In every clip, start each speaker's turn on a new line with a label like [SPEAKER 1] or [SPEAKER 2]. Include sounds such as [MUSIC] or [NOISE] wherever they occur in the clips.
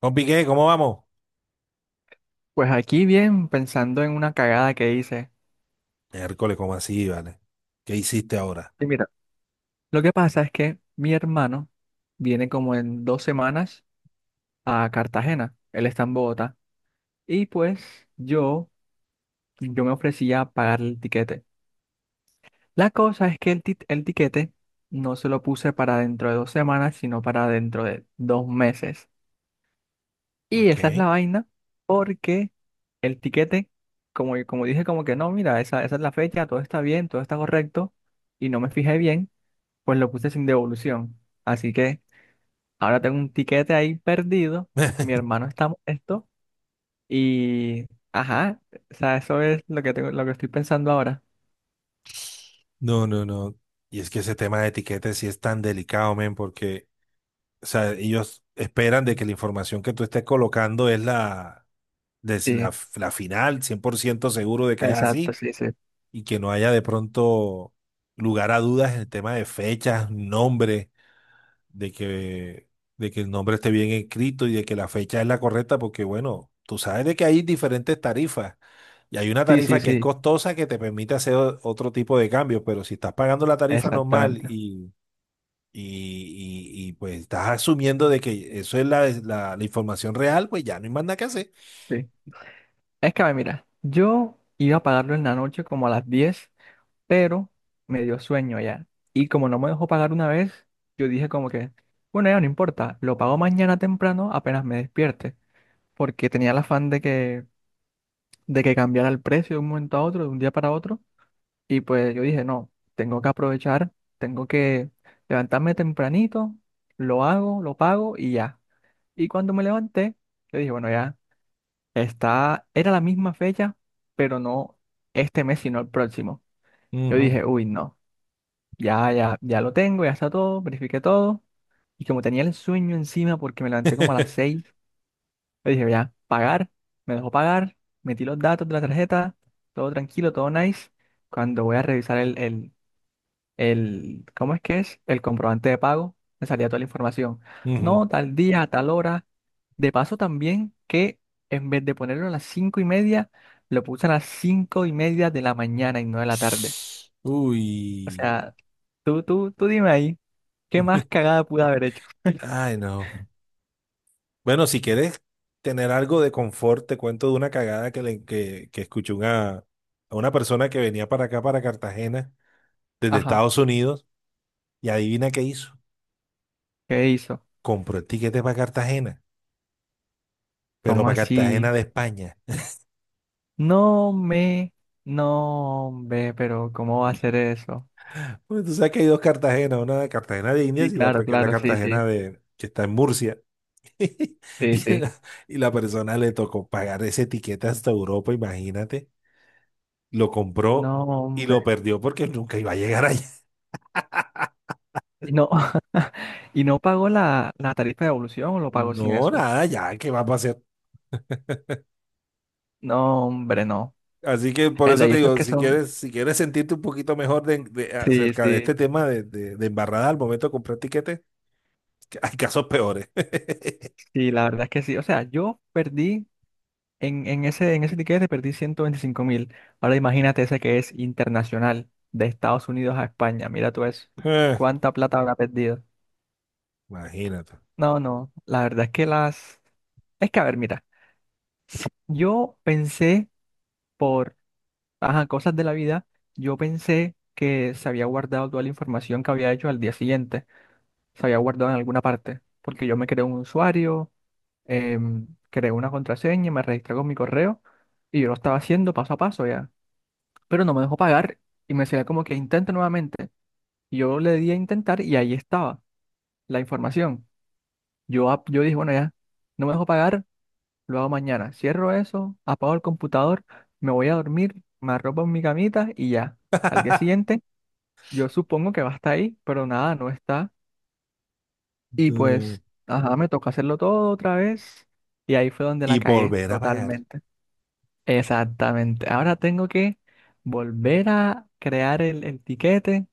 [SPEAKER 1] Compi, ¿qué? ¿Cómo vamos?
[SPEAKER 2] Pues aquí bien, pensando en una cagada que hice.
[SPEAKER 1] Miércoles, ¿cómo así, vale? ¿Qué hiciste ahora?
[SPEAKER 2] Y mira, lo que pasa es que mi hermano viene como en 2 semanas a Cartagena. Él está en Bogotá. Y pues yo me ofrecía a pagar el tiquete. La cosa es que el tiquete no se lo puse para dentro de 2 semanas, sino para dentro de 2 meses. Y esa es
[SPEAKER 1] Ok.
[SPEAKER 2] la vaina, porque el tiquete, como dije, como que no, mira, esa es la fecha, todo está bien, todo está correcto, y no me fijé bien. Pues lo puse sin devolución. Así que ahora tengo un tiquete ahí perdido. Mi
[SPEAKER 1] [LAUGHS]
[SPEAKER 2] hermano está molesto. Y, ajá, o sea, eso es lo que tengo, lo que estoy pensando ahora.
[SPEAKER 1] No, no, no. Y es que ese tema de etiquetas sí es tan delicado, men, porque, o sea, ellos esperan de que la información que tú estés colocando es
[SPEAKER 2] Sí,
[SPEAKER 1] la, la final, 100% seguro de que es
[SPEAKER 2] exacto,
[SPEAKER 1] así,
[SPEAKER 2] sí, sí.
[SPEAKER 1] y que no haya de pronto lugar a dudas en el tema de fechas, nombre, de que, de que el nombre esté bien escrito y de que la fecha es la correcta, porque, bueno, tú sabes de que hay diferentes tarifas. Y hay una
[SPEAKER 2] Sí, sí,
[SPEAKER 1] tarifa que es
[SPEAKER 2] sí,
[SPEAKER 1] costosa que te permite hacer otro tipo de cambios, pero si estás pagando la tarifa normal
[SPEAKER 2] exactamente.
[SPEAKER 1] y, pues estás asumiendo de que eso es la información real, pues ya no hay más nada que hacer.
[SPEAKER 2] Sí. Es que, a ver, mira, yo iba a pagarlo en la noche como a las 10, pero me dio sueño ya. Y como no me dejó pagar una vez, yo dije como que, bueno, ya no importa, lo pago mañana temprano apenas me despierte, porque tenía el afán de que cambiara el precio de un momento a otro, de un día para otro. Y pues yo dije, no, tengo que aprovechar, tengo que levantarme tempranito, lo hago, lo pago y ya. Y cuando me levanté, yo dije, bueno, ya está, era la misma fecha, pero no este mes, sino el próximo. Yo
[SPEAKER 1] Ujú.
[SPEAKER 2] dije, uy, no, ya, ya, ya lo tengo, ya está todo, verifiqué todo. Y como tenía el sueño encima porque me levanté como a las
[SPEAKER 1] [LAUGHS]
[SPEAKER 2] 6. Le dije, ya, pagar, me dejó pagar, metí los datos de la tarjeta, todo tranquilo, todo nice. Cuando voy a revisar el, ¿cómo es que es? El comprobante de pago, me salía toda la información.
[SPEAKER 1] Ujú.
[SPEAKER 2] No, tal día, tal hora. De paso también que en vez de ponerlo a las 5:30, lo puse a las 5:30 de la mañana y no de la tarde. O
[SPEAKER 1] Uy.
[SPEAKER 2] sea, tú dime ahí, ¿qué más
[SPEAKER 1] [LAUGHS]
[SPEAKER 2] cagada pude haber hecho?
[SPEAKER 1] Ay, no. Bueno, si quieres tener algo de confort, te cuento de una cagada que escuché una, a una persona que venía para acá, para Cartagena, desde
[SPEAKER 2] Ajá,
[SPEAKER 1] Estados Unidos, y adivina qué hizo.
[SPEAKER 2] ¿qué hizo?
[SPEAKER 1] Compró el tiquete para Cartagena, pero
[SPEAKER 2] ¿Cómo
[SPEAKER 1] para
[SPEAKER 2] así?
[SPEAKER 1] Cartagena de España.
[SPEAKER 2] No me, no hombre, pero ¿cómo va a ser eso?
[SPEAKER 1] [LAUGHS] Porque tú sabes que hay dos Cartagenas, una de Cartagena de Indias
[SPEAKER 2] Sí,
[SPEAKER 1] y la otra
[SPEAKER 2] claro,
[SPEAKER 1] que es la
[SPEAKER 2] claro, sí,
[SPEAKER 1] Cartagena
[SPEAKER 2] sí,
[SPEAKER 1] de, que está en Murcia. [LAUGHS]
[SPEAKER 2] sí,
[SPEAKER 1] Y
[SPEAKER 2] sí.
[SPEAKER 1] la, y la persona le tocó pagar ese tiquete hasta Europa, imagínate. Lo
[SPEAKER 2] No,
[SPEAKER 1] compró y lo
[SPEAKER 2] hombre.
[SPEAKER 1] perdió porque nunca iba a llegar allá. [LAUGHS]
[SPEAKER 2] Y no, [LAUGHS] y no pagó la tarifa de evolución o lo pagó sin
[SPEAKER 1] No,
[SPEAKER 2] eso.
[SPEAKER 1] nada, ya, ¿qué va a pasar?
[SPEAKER 2] No, hombre, no.
[SPEAKER 1] Así que
[SPEAKER 2] Es
[SPEAKER 1] por
[SPEAKER 2] verdad,
[SPEAKER 1] eso
[SPEAKER 2] y
[SPEAKER 1] te
[SPEAKER 2] esos
[SPEAKER 1] digo,
[SPEAKER 2] que
[SPEAKER 1] si
[SPEAKER 2] son.
[SPEAKER 1] quieres, si quieres sentirte un poquito mejor
[SPEAKER 2] Sí,
[SPEAKER 1] acerca de este
[SPEAKER 2] sí,
[SPEAKER 1] tema de embarrada al momento de comprar tiquetes, que hay casos peores.
[SPEAKER 2] sí, la verdad es que sí. O sea, yo perdí en ese tiquete perdí 125.000. Ahora imagínate ese que es internacional, de Estados Unidos a España. Mira tú eso.
[SPEAKER 1] [LAUGHS]
[SPEAKER 2] ¿Cuánta plata habrá perdido?
[SPEAKER 1] Imagínate.
[SPEAKER 2] No, no, la verdad es que las. Es que, a ver, mira, yo pensé por, ajá, cosas de la vida, yo pensé que se había guardado toda la información que había hecho al día siguiente, se había guardado en alguna parte, porque yo me creé un usuario, creé una contraseña, me registré con mi correo y yo lo estaba haciendo paso a paso ya, pero no me dejó pagar y me decía como que intente nuevamente. Y yo le di a intentar y ahí estaba la información. Yo dije, bueno, ya, no me dejó pagar. Lo hago mañana. Cierro eso, apago el computador, me voy a dormir, me arropo en mi camita y ya. Al día
[SPEAKER 1] [LAUGHS]
[SPEAKER 2] siguiente, yo supongo que va a estar ahí, pero nada, no está. Y
[SPEAKER 1] No.
[SPEAKER 2] pues, ajá, me toca hacerlo todo otra vez. Y ahí fue donde la
[SPEAKER 1] Y
[SPEAKER 2] cagué
[SPEAKER 1] volver a pagar.
[SPEAKER 2] totalmente. Exactamente. Ahora tengo que volver a crear el tiquete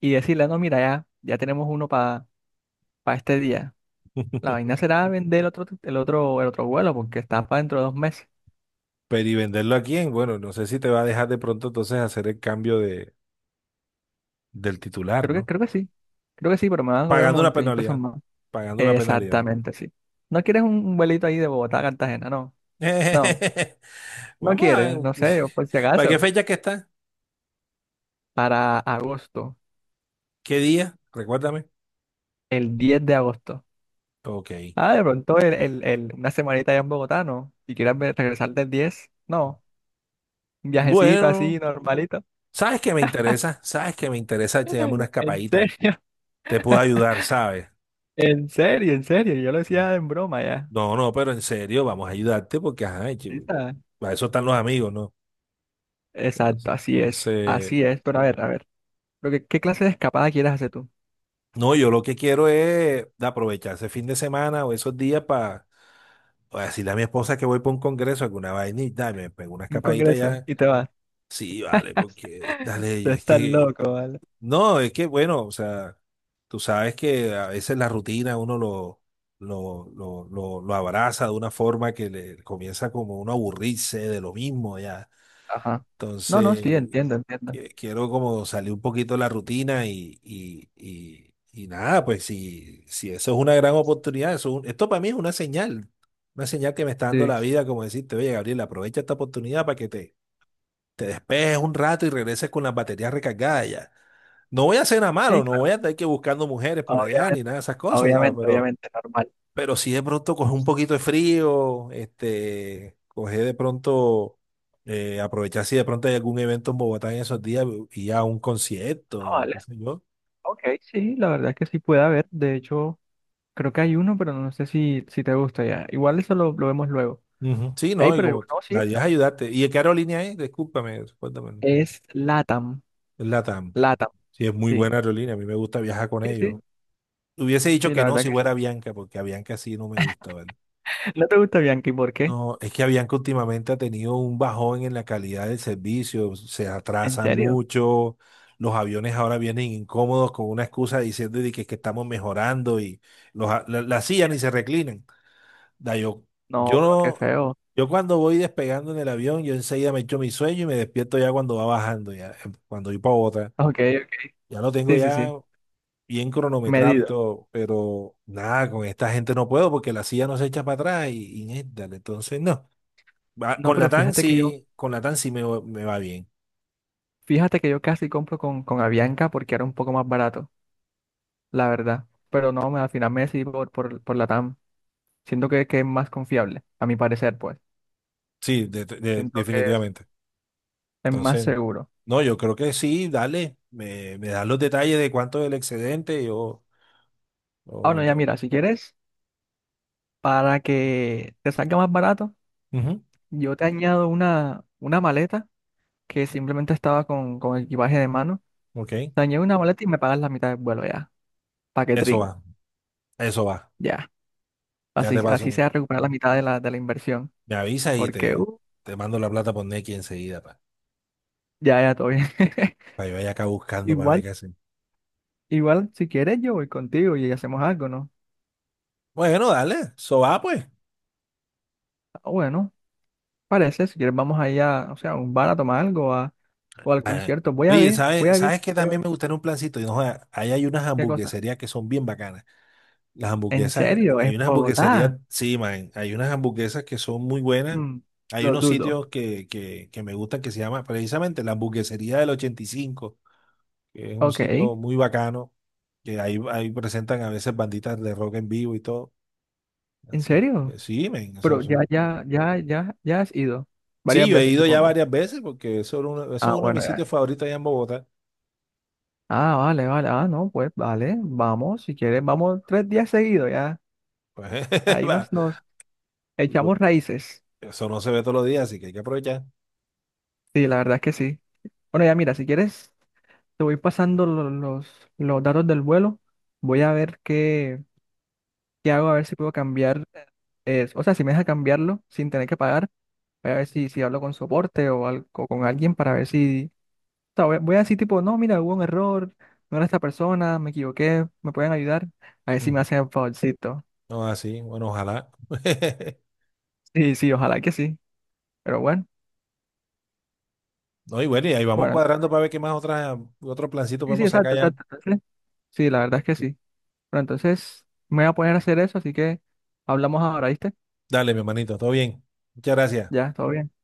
[SPEAKER 2] y decirle, no, mira, ya, ya tenemos uno para este día. La vaina será vender el otro vuelo porque está para dentro de 2 meses.
[SPEAKER 1] Pero y venderlo a quién, bueno, no sé si te va a dejar de pronto entonces hacer el cambio de, del titular,
[SPEAKER 2] Creo que,
[SPEAKER 1] ¿no?
[SPEAKER 2] creo que sí. Creo que sí, pero me van a cobrar
[SPEAKER 1] Pagando
[SPEAKER 2] como
[SPEAKER 1] una
[SPEAKER 2] 20.000 pesos
[SPEAKER 1] penalidad.
[SPEAKER 2] más.
[SPEAKER 1] Pagando una penalidad.
[SPEAKER 2] Exactamente, sí. ¿No quieres un vuelito ahí de Bogotá a Cartagena? No. No.
[SPEAKER 1] [LAUGHS]
[SPEAKER 2] No
[SPEAKER 1] Vamos a ver.
[SPEAKER 2] quieres. No sé, yo por si
[SPEAKER 1] [LAUGHS] ¿Para qué
[SPEAKER 2] acaso.
[SPEAKER 1] fecha que está?
[SPEAKER 2] Para agosto.
[SPEAKER 1] ¿Qué día? Recuérdame.
[SPEAKER 2] El 10 de agosto.
[SPEAKER 1] Ok.
[SPEAKER 2] Ah, de pronto una semanita allá en Bogotá, ¿no? Si quieres regresar del 10. No. Un viajecito así,
[SPEAKER 1] Bueno,
[SPEAKER 2] normalito.
[SPEAKER 1] ¿sabes qué me interesa? ¿Sabes qué me interesa? Echarme una
[SPEAKER 2] [LAUGHS] En
[SPEAKER 1] escapadita.
[SPEAKER 2] serio,
[SPEAKER 1] Te puedo ayudar, ¿sabes?
[SPEAKER 2] en serio, en serio. Yo lo decía en broma ya.
[SPEAKER 1] No, no, pero en serio, vamos a ayudarte porque, ajá,
[SPEAKER 2] Sí,
[SPEAKER 1] chivo,
[SPEAKER 2] está.
[SPEAKER 1] para eso están los amigos, ¿no?
[SPEAKER 2] Exacto,
[SPEAKER 1] Entonces,
[SPEAKER 2] así es. Así es. Pero a ver, a ver. ¿Qué clase de escapada quieres hacer tú?
[SPEAKER 1] no, yo lo que quiero es aprovechar ese fin de semana o esos días para decirle a mi esposa que voy para un congreso, alguna vainita, y me pego una
[SPEAKER 2] Un
[SPEAKER 1] escapadita
[SPEAKER 2] congreso
[SPEAKER 1] ya.
[SPEAKER 2] y te vas.
[SPEAKER 1] Sí, vale, porque dale,
[SPEAKER 2] Tú
[SPEAKER 1] es
[SPEAKER 2] estás
[SPEAKER 1] que,
[SPEAKER 2] loco, ¿vale?
[SPEAKER 1] no, es que bueno, o sea, tú sabes que a veces la rutina uno lo abraza de una forma que le comienza como uno a aburrirse de lo mismo ya.
[SPEAKER 2] Ajá. No, no, sí,
[SPEAKER 1] Entonces,
[SPEAKER 2] entiendo, entiendo.
[SPEAKER 1] quiero como salir un poquito de la rutina y nada, pues si, si eso es una gran oportunidad, esto para mí es una señal que me está dando
[SPEAKER 2] Sí,
[SPEAKER 1] la vida, como decirte, oye, Gabriel, aprovecha esta oportunidad para que te despejes un rato y regreses con las baterías recargadas ya. No voy a hacer nada
[SPEAKER 2] sí,
[SPEAKER 1] malo, no
[SPEAKER 2] claro.
[SPEAKER 1] voy a estar que buscando mujeres
[SPEAKER 2] No,
[SPEAKER 1] por allá ni
[SPEAKER 2] obviamente,
[SPEAKER 1] nada de esas cosas, ¿sabes?
[SPEAKER 2] obviamente,
[SPEAKER 1] Pero
[SPEAKER 2] obviamente, normal.
[SPEAKER 1] pero si de pronto coge un poquito de frío, este, coge de pronto, aprovechar si de pronto hay algún evento en Bogotá en esos días y a un
[SPEAKER 2] Ah,
[SPEAKER 1] concierto,
[SPEAKER 2] vale.
[SPEAKER 1] qué sé yo.
[SPEAKER 2] Ok, sí, la verdad es que sí puede haber. De hecho, creo que hay uno, pero no sé si te gusta ya. Igual eso lo vemos luego.
[SPEAKER 1] Ujú, sí,
[SPEAKER 2] Ey,
[SPEAKER 1] no, y
[SPEAKER 2] pero
[SPEAKER 1] como
[SPEAKER 2] no,
[SPEAKER 1] la
[SPEAKER 2] sí,
[SPEAKER 1] idea es ayudarte. ¿Y de qué aerolínea es? Discúlpame, recuérdame.
[SPEAKER 2] es LATAM.
[SPEAKER 1] Es LATAM.
[SPEAKER 2] LATAM,
[SPEAKER 1] Sí, es muy
[SPEAKER 2] sí.
[SPEAKER 1] buena aerolínea, a mí me gusta viajar con
[SPEAKER 2] Sí, sí,
[SPEAKER 1] ellos. Hubiese dicho
[SPEAKER 2] sí,
[SPEAKER 1] que
[SPEAKER 2] la
[SPEAKER 1] no
[SPEAKER 2] verdad
[SPEAKER 1] si
[SPEAKER 2] que sí.
[SPEAKER 1] fuera Bianca, porque a Bianca sí no me gusta, ¿vale?
[SPEAKER 2] [LAUGHS] ¿No te gusta Bianchi? ¿Por qué?
[SPEAKER 1] No, es que Avianca últimamente ha tenido un bajón en la calidad del servicio, se
[SPEAKER 2] ¿En
[SPEAKER 1] atrasan
[SPEAKER 2] serio?
[SPEAKER 1] mucho, los aviones ahora vienen incómodos con una excusa diciendo de que estamos mejorando y la sillas ni se reclinan. Da, yo,
[SPEAKER 2] No,
[SPEAKER 1] yo,
[SPEAKER 2] pero qué
[SPEAKER 1] no-
[SPEAKER 2] feo.
[SPEAKER 1] yo cuando voy despegando en el avión, yo enseguida me echo mi sueño y me despierto ya cuando va bajando, ya, cuando voy para otra.
[SPEAKER 2] Ok, ok.
[SPEAKER 1] Ya lo tengo
[SPEAKER 2] Sí, sí,
[SPEAKER 1] ya
[SPEAKER 2] sí.
[SPEAKER 1] bien cronometrado y
[SPEAKER 2] Medido.
[SPEAKER 1] todo, pero nada, con esta gente no puedo porque la silla no se echa para atrás y dale, entonces no.
[SPEAKER 2] No,
[SPEAKER 1] Con la
[SPEAKER 2] pero
[SPEAKER 1] TAN
[SPEAKER 2] fíjate que yo
[SPEAKER 1] sí, con la TAN sí me, me va bien.
[SPEAKER 2] Fíjate que yo casi compro con Avianca porque era un poco más barato, la verdad. Pero no, al final me decidí por Latam. Siento que es más confiable, a mi parecer, pues. Siento que es,
[SPEAKER 1] Definitivamente.
[SPEAKER 2] es más
[SPEAKER 1] Entonces,
[SPEAKER 2] seguro.
[SPEAKER 1] no, yo creo que sí, dale. Me das los detalles de cuánto es el excedente. O
[SPEAKER 2] Ah, bueno,
[SPEAKER 1] yo
[SPEAKER 2] ya
[SPEAKER 1] te-
[SPEAKER 2] mira, si quieres, para que te salga más barato,
[SPEAKER 1] Ujú,
[SPEAKER 2] yo te añado una maleta que simplemente estaba con equipaje de mano.
[SPEAKER 1] ok,
[SPEAKER 2] Te añado una maleta y me pagas la mitad del vuelo ya.
[SPEAKER 1] eso
[SPEAKER 2] Paquetrín,
[SPEAKER 1] va, eso va.
[SPEAKER 2] ya.
[SPEAKER 1] Ya te
[SPEAKER 2] Así
[SPEAKER 1] paso.
[SPEAKER 2] sea recuperar la mitad de la inversión.
[SPEAKER 1] Me avisas y
[SPEAKER 2] Porque,
[SPEAKER 1] te, te mando la plata por Nequi enseguida para
[SPEAKER 2] ya, ya, todo bien.
[SPEAKER 1] que yo vaya acá
[SPEAKER 2] [LAUGHS]
[SPEAKER 1] buscando para ver
[SPEAKER 2] Igual.
[SPEAKER 1] qué hacen.
[SPEAKER 2] Igual, si quieres, yo voy contigo y hacemos algo, ¿no?
[SPEAKER 1] Bueno, dale, eso va pues.
[SPEAKER 2] Ah, bueno, parece, si quieres, vamos allá, o sea, a un bar a tomar algo o al
[SPEAKER 1] Nah.
[SPEAKER 2] concierto. Voy a
[SPEAKER 1] Oye,
[SPEAKER 2] ver, voy
[SPEAKER 1] ¿sabes,
[SPEAKER 2] a ver,
[SPEAKER 1] sabes que
[SPEAKER 2] voy a
[SPEAKER 1] también
[SPEAKER 2] ver
[SPEAKER 1] me gustaría un plancito? Y no, joda, ahí hay unas
[SPEAKER 2] qué cosa.
[SPEAKER 1] hamburgueserías que son bien bacanas. Las
[SPEAKER 2] ¿En
[SPEAKER 1] hamburguesas,
[SPEAKER 2] serio?
[SPEAKER 1] hay
[SPEAKER 2] ¿En
[SPEAKER 1] unas hamburgueserías,
[SPEAKER 2] Bogotá?
[SPEAKER 1] sí, man, hay unas hamburguesas que son muy buenas.
[SPEAKER 2] Mm,
[SPEAKER 1] Hay
[SPEAKER 2] lo
[SPEAKER 1] unos
[SPEAKER 2] dudo.
[SPEAKER 1] sitios que me gustan que se llama precisamente la hamburguesería del 85 que es un
[SPEAKER 2] Ok,
[SPEAKER 1] sitio
[SPEAKER 2] ¿en
[SPEAKER 1] muy bacano, ahí presentan a veces banditas de rock en vivo y todo. Así
[SPEAKER 2] serio?
[SPEAKER 1] que sí, man,
[SPEAKER 2] Pero ya, ya, ya, ya, ya has ido
[SPEAKER 1] sí,
[SPEAKER 2] varias
[SPEAKER 1] yo he
[SPEAKER 2] veces,
[SPEAKER 1] ido ya
[SPEAKER 2] supongo.
[SPEAKER 1] varias veces porque eso es
[SPEAKER 2] Ah,
[SPEAKER 1] uno de
[SPEAKER 2] bueno,
[SPEAKER 1] mis sitios
[SPEAKER 2] ya.
[SPEAKER 1] favoritos allá en Bogotá.
[SPEAKER 2] Ah, vale, vale. Ah, no, pues vale, vamos, si quieres, vamos 3 días seguidos, ya.
[SPEAKER 1] Pues, [LAUGHS]
[SPEAKER 2] Ahí
[SPEAKER 1] va,
[SPEAKER 2] nos
[SPEAKER 1] y pues,
[SPEAKER 2] echamos raíces.
[SPEAKER 1] eso no se ve todos los días, así que hay que aprovechar.
[SPEAKER 2] Sí, la verdad es que sí. Bueno, ya mira, si quieres. Te voy pasando los datos del vuelo. Voy a ver qué hago, a ver si puedo cambiar. O sea, si me deja cambiarlo sin tener que pagar. Voy a ver si hablo con soporte o, o con alguien para ver si. O sea, voy a decir, tipo, no, mira, hubo un error. No era esta persona, me equivoqué. ¿Me pueden ayudar? A ver si me
[SPEAKER 1] Ujú.
[SPEAKER 2] hacen el favorcito.
[SPEAKER 1] No, así, bueno, ojalá. [LAUGHS]
[SPEAKER 2] Sí, sí, ojalá que sí. Pero bueno,
[SPEAKER 1] No, y bueno, y ahí vamos
[SPEAKER 2] bueno, entonces.
[SPEAKER 1] cuadrando para ver qué más otra, otro plancito
[SPEAKER 2] Sí, sí,
[SPEAKER 1] podemos sacar
[SPEAKER 2] exacto,
[SPEAKER 1] ya.
[SPEAKER 2] exacto. Entonces, sí, la verdad es que sí. Pero entonces me voy a poner a hacer eso, así que hablamos ahora, ¿viste?
[SPEAKER 1] Dale, mi hermanito, todo bien. Muchas gracias.
[SPEAKER 2] Ya, todo bien.